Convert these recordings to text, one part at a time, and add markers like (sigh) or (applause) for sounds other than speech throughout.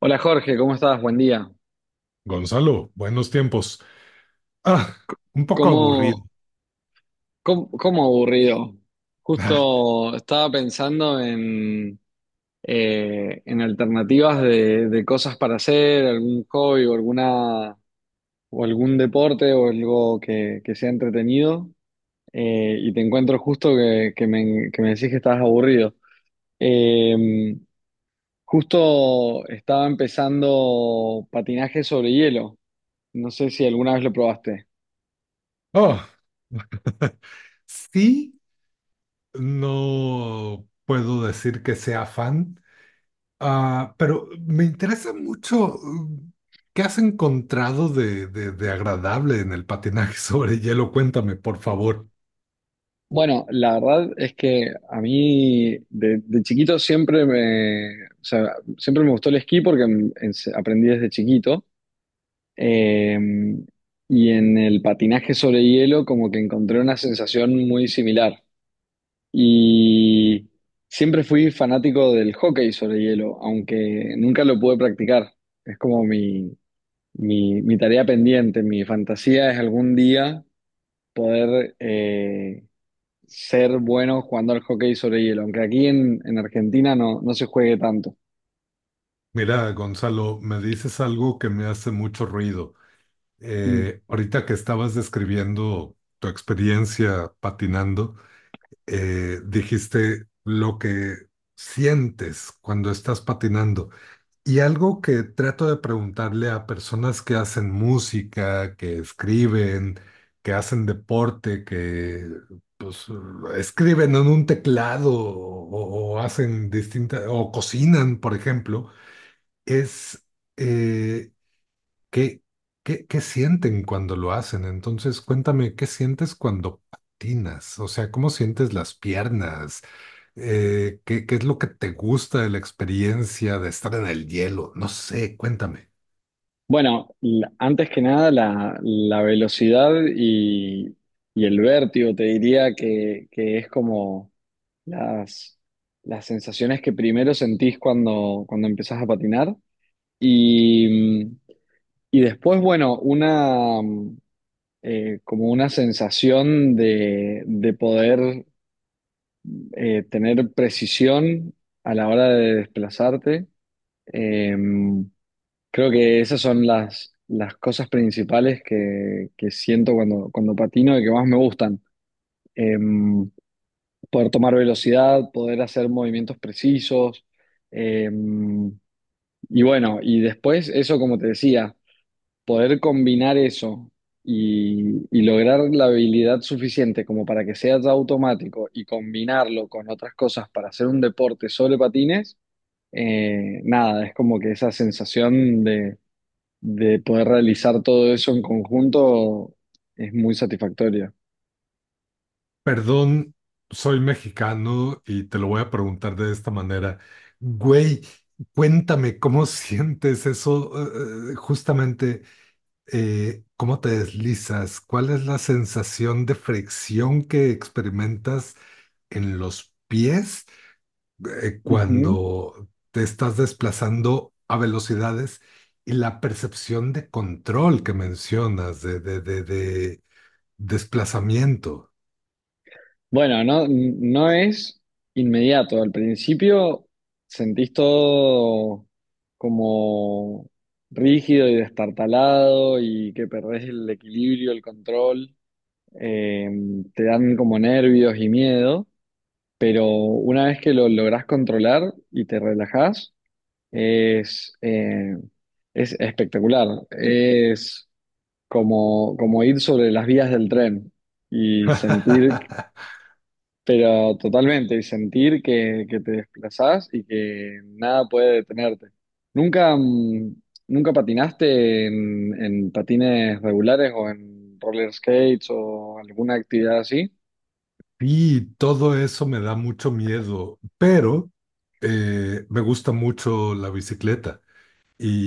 Hola Jorge, ¿cómo estás? Buen día. Gonzalo, buenos tiempos. Ah, un poco aburrido. ¿Cómo, cómo aburrido? Ah, Justo estaba pensando en alternativas de cosas para hacer, algún hobby o, alguna, o algún deporte o algo que sea entretenido y te encuentro justo que me decís que estás aburrido. Eh, Justo estaba empezando patinaje sobre hielo. No sé si alguna vez lo probaste. oh, (laughs) sí, no puedo decir que sea fan, pero me interesa mucho qué has encontrado de agradable en el patinaje (laughs) sobre hielo. Cuéntame, por favor. Bueno, la verdad es que a mí de chiquito siempre me, o sea, siempre me gustó el esquí porque aprendí desde chiquito. Eh, y en el patinaje sobre hielo como que encontré una sensación muy similar. Y siempre fui fanático del hockey sobre hielo, aunque nunca lo pude practicar. Es como mi tarea pendiente, mi fantasía es algún día poder ser bueno jugando al hockey sobre hielo, aunque aquí en Argentina no, no se juegue tanto. Mira, Gonzalo, me dices algo que me hace mucho ruido. Mm. Ahorita que estabas describiendo tu experiencia patinando, dijiste lo que sientes cuando estás patinando. Y algo que trato de preguntarle a personas que hacen música, que escriben, que hacen deporte, que pues, escriben en un teclado o hacen distintas, o cocinan, por ejemplo, es eh, ¿Qué, qué sienten cuando lo hacen? Entonces, cuéntame, ¿qué sientes cuando patinas? O sea, ¿cómo sientes las piernas? ¿Qué es lo que te gusta de la experiencia de estar en el hielo? No sé, cuéntame. Bueno, antes que nada, la velocidad y el vértigo, te diría que es como las, las sensaciones que primero sentís cuando empezás a patinar. Y, y después, bueno, una como una sensación de poder tener precisión a la hora de desplazarte. Eh, Creo que esas son las cosas principales que siento cuando patino y que más me gustan. Eh, Poder tomar velocidad, poder hacer movimientos precisos. eh, y bueno, y después eso como te decía poder combinar eso y lograr la habilidad suficiente como para que sea ya automático y combinarlo con otras cosas para hacer un deporte sobre patines, nada, es como que esa sensación de poder realizar todo eso en conjunto es muy satisfactoria. Perdón, soy mexicano y te lo voy a preguntar de esta manera. Güey, cuéntame, ¿cómo sientes eso? Justamente ¿cómo te deslizas? ¿Cuál es la sensación de fricción que experimentas en los pies Ujú. cuando te estás desplazando a velocidades y la percepción de control que mencionas, de desplazamiento? Bueno, no, no es inmediato. Al principio sentís todo como rígido y destartalado y que perdés el equilibrio, el control. Eh, Te dan como nervios y miedo, pero una vez que lo lográs controlar y te relajás, es, eh, es espectacular. Es como, como ir sobre las vías del tren y sentir (laughs) pero totalmente, y sentir que te desplazás y que nada puede detenerte. ¿Nunca, mm, nunca patinaste en patines regulares o en roller skates o alguna actividad así? Y todo eso me da mucho miedo, pero me gusta mucho la bicicleta.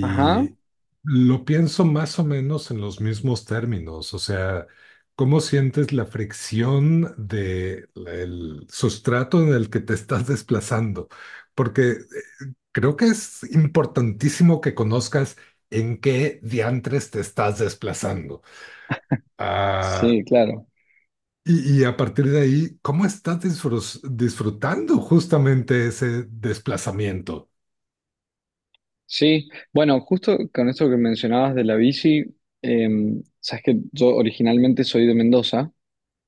Ajá, lo pienso más o menos en los mismos términos, o sea, ¿cómo sientes la fricción del sustrato en el que te estás desplazando? Porque creo que es importantísimo que conozcas en qué diantres te estás desplazando. Ah, sí, claro. y, y a partir de ahí, ¿cómo estás disfrutando justamente ese desplazamiento? Sí, bueno, justo con esto que mencionabas de la bici, sabes que yo originalmente soy de Mendoza,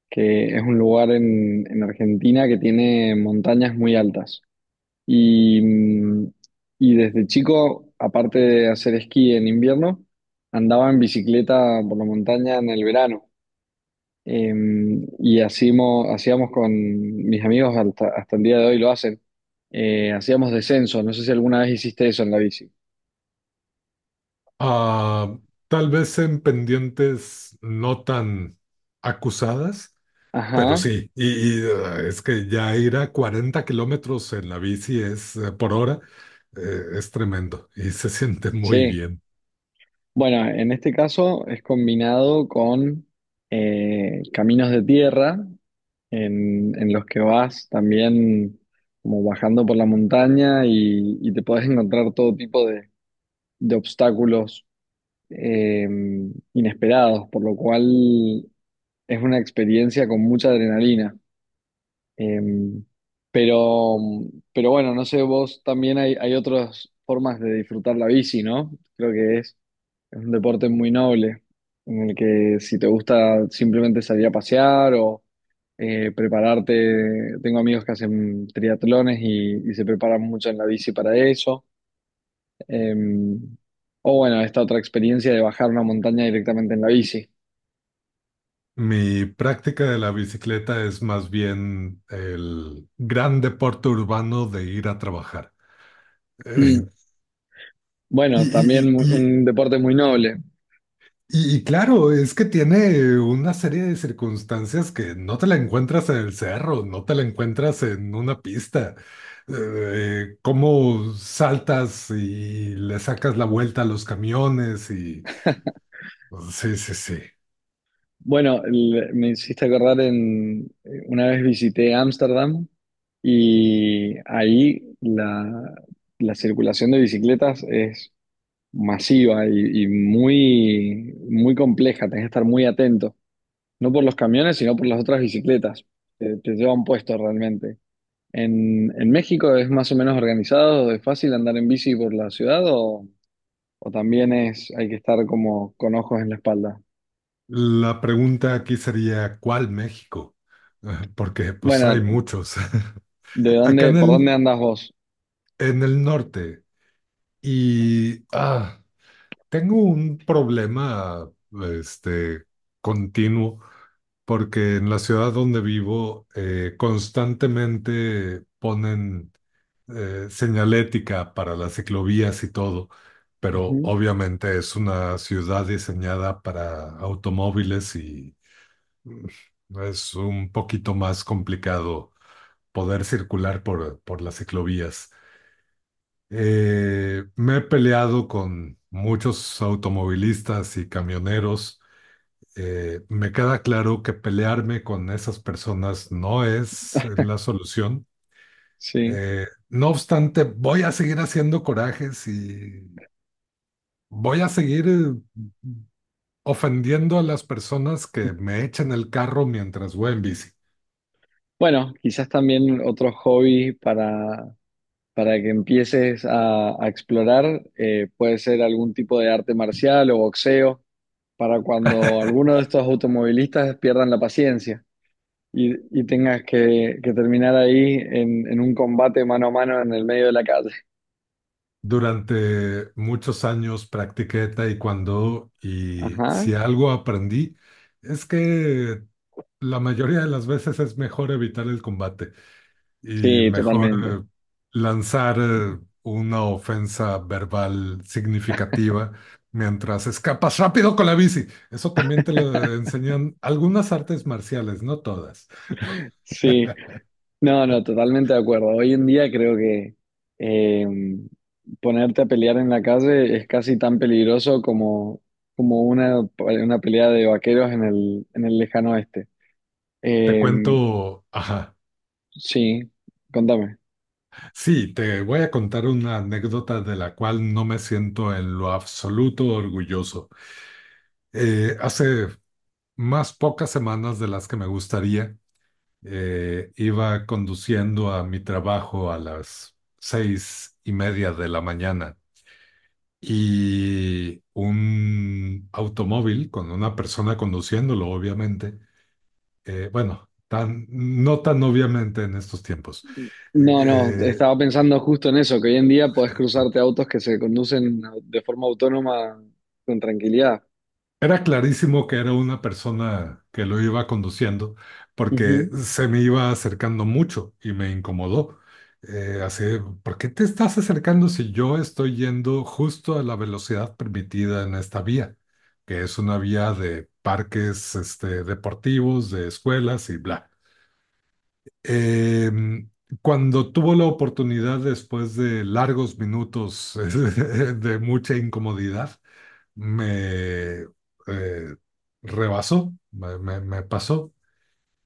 que es un lugar en Argentina que tiene montañas muy altas. Y y desde chico, aparte de hacer esquí en invierno, andaba en bicicleta por la montaña en el verano. Eh, y hacíamos con mis amigos, hasta el día de hoy lo hacen, hacíamos descenso. No sé si alguna vez hiciste eso en la bici. Ah, Tal vez en pendientes no tan acusadas, pero Ajá, sí, es que ya ir a 40 kilómetros en la bici es, por hora es tremendo y se (laughs) siente muy sí. bien. Bueno, en este caso es combinado con caminos de tierra en los que vas también como bajando por la montaña y te podés encontrar todo tipo de obstáculos eh, inesperados, por lo cual es una experiencia con mucha adrenalina. Eh, pero, pero bueno, no sé, vos también hay otras formas de disfrutar la bici, ¿no? Creo que es un deporte muy noble, en el que si te gusta simplemente salir a pasear o prepararte, tengo amigos que hacen triatlones y se preparan mucho en la bici para eso. Eh, o bueno, esta otra experiencia de bajar una montaña directamente en la bici. Mi práctica de la bicicleta es más bien el gran deporte urbano de ir a trabajar. Eh, Mm. (laughs) y, Bueno, también y- y- un deporte muy noble. Y, y claro, es que tiene una serie de circunstancias que no te la encuentras en el cerro, no te la encuentras en una pista. Cómo saltas y le sacas la vuelta a los camiones y... Sí, sí, sí. Bueno, me hiciste acordar en una vez visité Ámsterdam y ahí la circulación de bicicletas es masiva y muy, muy compleja, tenés que estar muy atento, no por los camiones, sino por las otras bicicletas, te llevan puesto realmente. En México es más o menos organizado, es fácil andar en bici por la ciudad o también es, hay que estar como con ojos en la espalda. La pregunta aquí sería, ¿cuál México? (laughs) Porque pues hay Bueno, muchos. (laughs) Acá ¿por dónde andas vos? en el norte y tengo un problema este, continuo porque en la ciudad donde vivo constantemente ponen señalética para las ciclovías y todo, pero Ujú, obviamente es una ciudad diseñada para automóviles y es un poquito más complicado poder circular por las ciclovías. Me he peleado con muchos automovilistas y camioneros, me queda claro que pelearme con esas personas no es la solución. sí. No obstante, voy a seguir haciendo corajes y voy a seguir ofendiendo a las personas que me echan el carro mientras voy en bici. Bueno, quizás también otro hobby para que empieces a explorar. Puede ser algún tipo de arte marcial o boxeo, para cuando alguno de estos automovilistas pierdan la paciencia y, y tengas que terminar ahí en un combate mano a mano en el medio de la calle. Durante muchos años practiqué taekwondo y Ajá. si algo aprendí es que la mayoría de las veces es mejor evitar el combate. Y Sí, mejor totalmente. Lanzar una ofensa verbal significativa mientras escapas rápido con la bici. Eso también te lo enseñan algunas artes marciales, no todas. Sí, no, no, totalmente de acuerdo. Hoy en día creo que eh, ponerte a pelear en la calle es casi tan peligroso como, como una pelea de vaqueros en el lejano oeste. Te Eh, cuento, ajá, sí, contame. sí, te voy a contar una anécdota de la cual no me siento en lo absoluto orgulloso. Hace más pocas semanas de las que me gustaría. Iba conduciendo a mi trabajo a las 6:30 de la mañana y un automóvil con una persona conduciéndolo, obviamente, bueno, tan, no tan obviamente en estos tiempos. eh, No, no, eh, estaba pensando justo en eso, que hoy en día podés cruzarte autos que se conducen de forma autónoma con tranquilidad. Era clarísimo que era una persona que lo iba conduciendo porque Ujú. se me iba acercando mucho y me incomodó. Así, ¿por qué te estás acercando si yo estoy yendo justo a la velocidad permitida en esta vía? Que es una vía de parques, este, deportivos, de escuelas y bla. Eh, Cuando tuvo la oportunidad, después de largos minutos (laughs) de mucha incomodidad, me eh, rebasó, me pasó.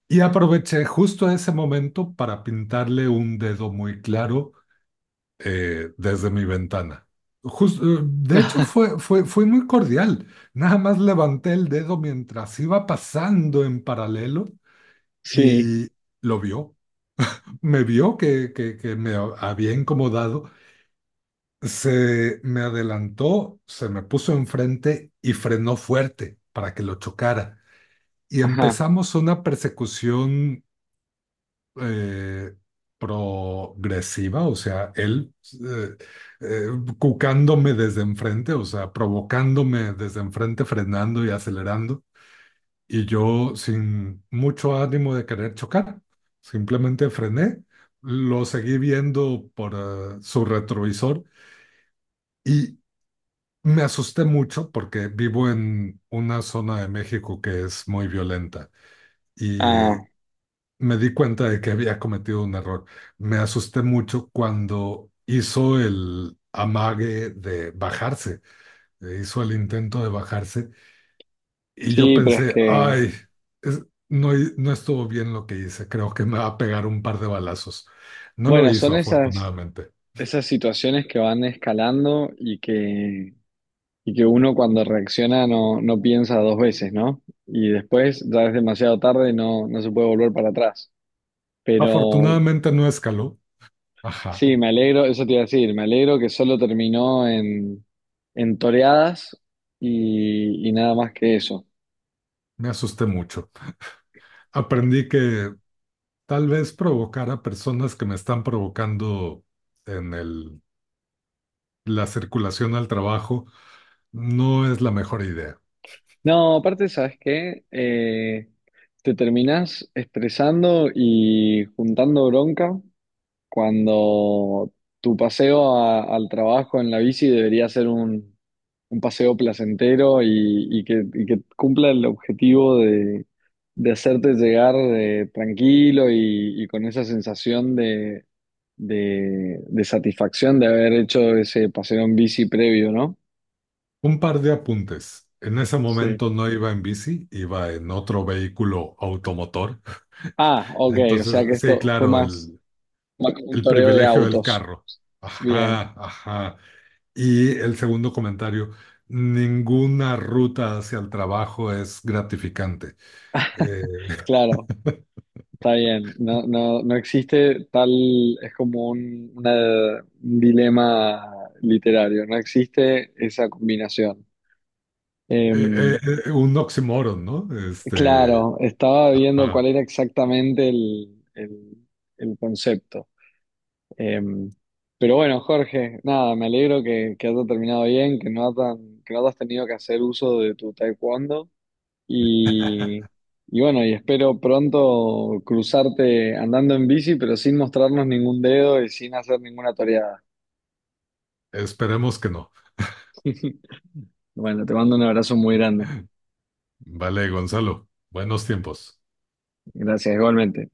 Y aproveché justo ese momento para pintarle un dedo muy claro desde mi ventana. De hecho, (laughs) fue muy cordial. Nada más levanté el dedo mientras iba pasando en paralelo Sí, y lo vio, me vio que me había incomodado, se me adelantó, se me puso enfrente y frenó fuerte para que lo chocara. Y ajá. empezamos una persecución eh, progresiva, o sea, él eh, eh, cucándome desde enfrente, o sea, provocándome desde enfrente, frenando y acelerando, y yo sin mucho ánimo de querer chocar, simplemente frené, lo seguí viendo por su retrovisor y me asusté mucho porque vivo en una zona de México que es muy violenta y Ah, me di cuenta de que había cometido un error. Me asusté mucho cuando hizo el amague de bajarse, hizo el intento de bajarse. Y yo sí, pero es pensé, que, ay, es- no, no estuvo bien lo que hice, creo que me va a pegar un par de balazos. No lo bueno, hizo, son esas, afortunadamente. esas situaciones que van escalando y que uno cuando reacciona no, no piensa dos veces, ¿no? Y después ya es demasiado tarde y no, no se puede volver para atrás. Pero Afortunadamente no escaló. Ajá, sí, me alegro, eso te iba a decir, me alegro que solo terminó en toreadas y nada más que eso. me asusté mucho. Aprendí que tal vez provocar a personas que me están provocando en la circulación al trabajo no es la mejor idea. No, aparte, ¿sabes qué? Te terminás estresando y juntando bronca cuando tu paseo al trabajo en la bici debería ser un paseo placentero y que cumpla el objetivo de hacerte llegar tranquilo y con esa sensación de satisfacción de haber hecho ese paseo en bici previo, ¿no? Un par de apuntes. En ese Sí. momento no iba en bici, iba en otro vehículo automotor. Ah, ok, o sea que Entonces, sí, esto fue claro, más, más como un el toreo de privilegio del autos. carro. Bien, Ajá, ajá. Y el segundo comentario, ninguna ruta hacia el trabajo es gratificante. Eh, claro. Está bien, no, no, no existe tal, es como un dilema literario, no existe esa combinación. eh, eh, Em, un oxímoron, ¿no? Este, claro, estaba viendo ajá. cuál era exactamente el concepto. Em, pero bueno, Jorge, nada, me alegro que haya terminado bien, que no, tan, que no has tenido que hacer uso de tu taekwondo. Y, y bueno, y espero pronto cruzarte andando en bici, pero sin mostrarnos ningún dedo y sin hacer ninguna toreada. Esperemos que no. (laughs) Bueno, te mando un abrazo muy grande. Vale, Gonzalo, buenos tiempos. Gracias, igualmente.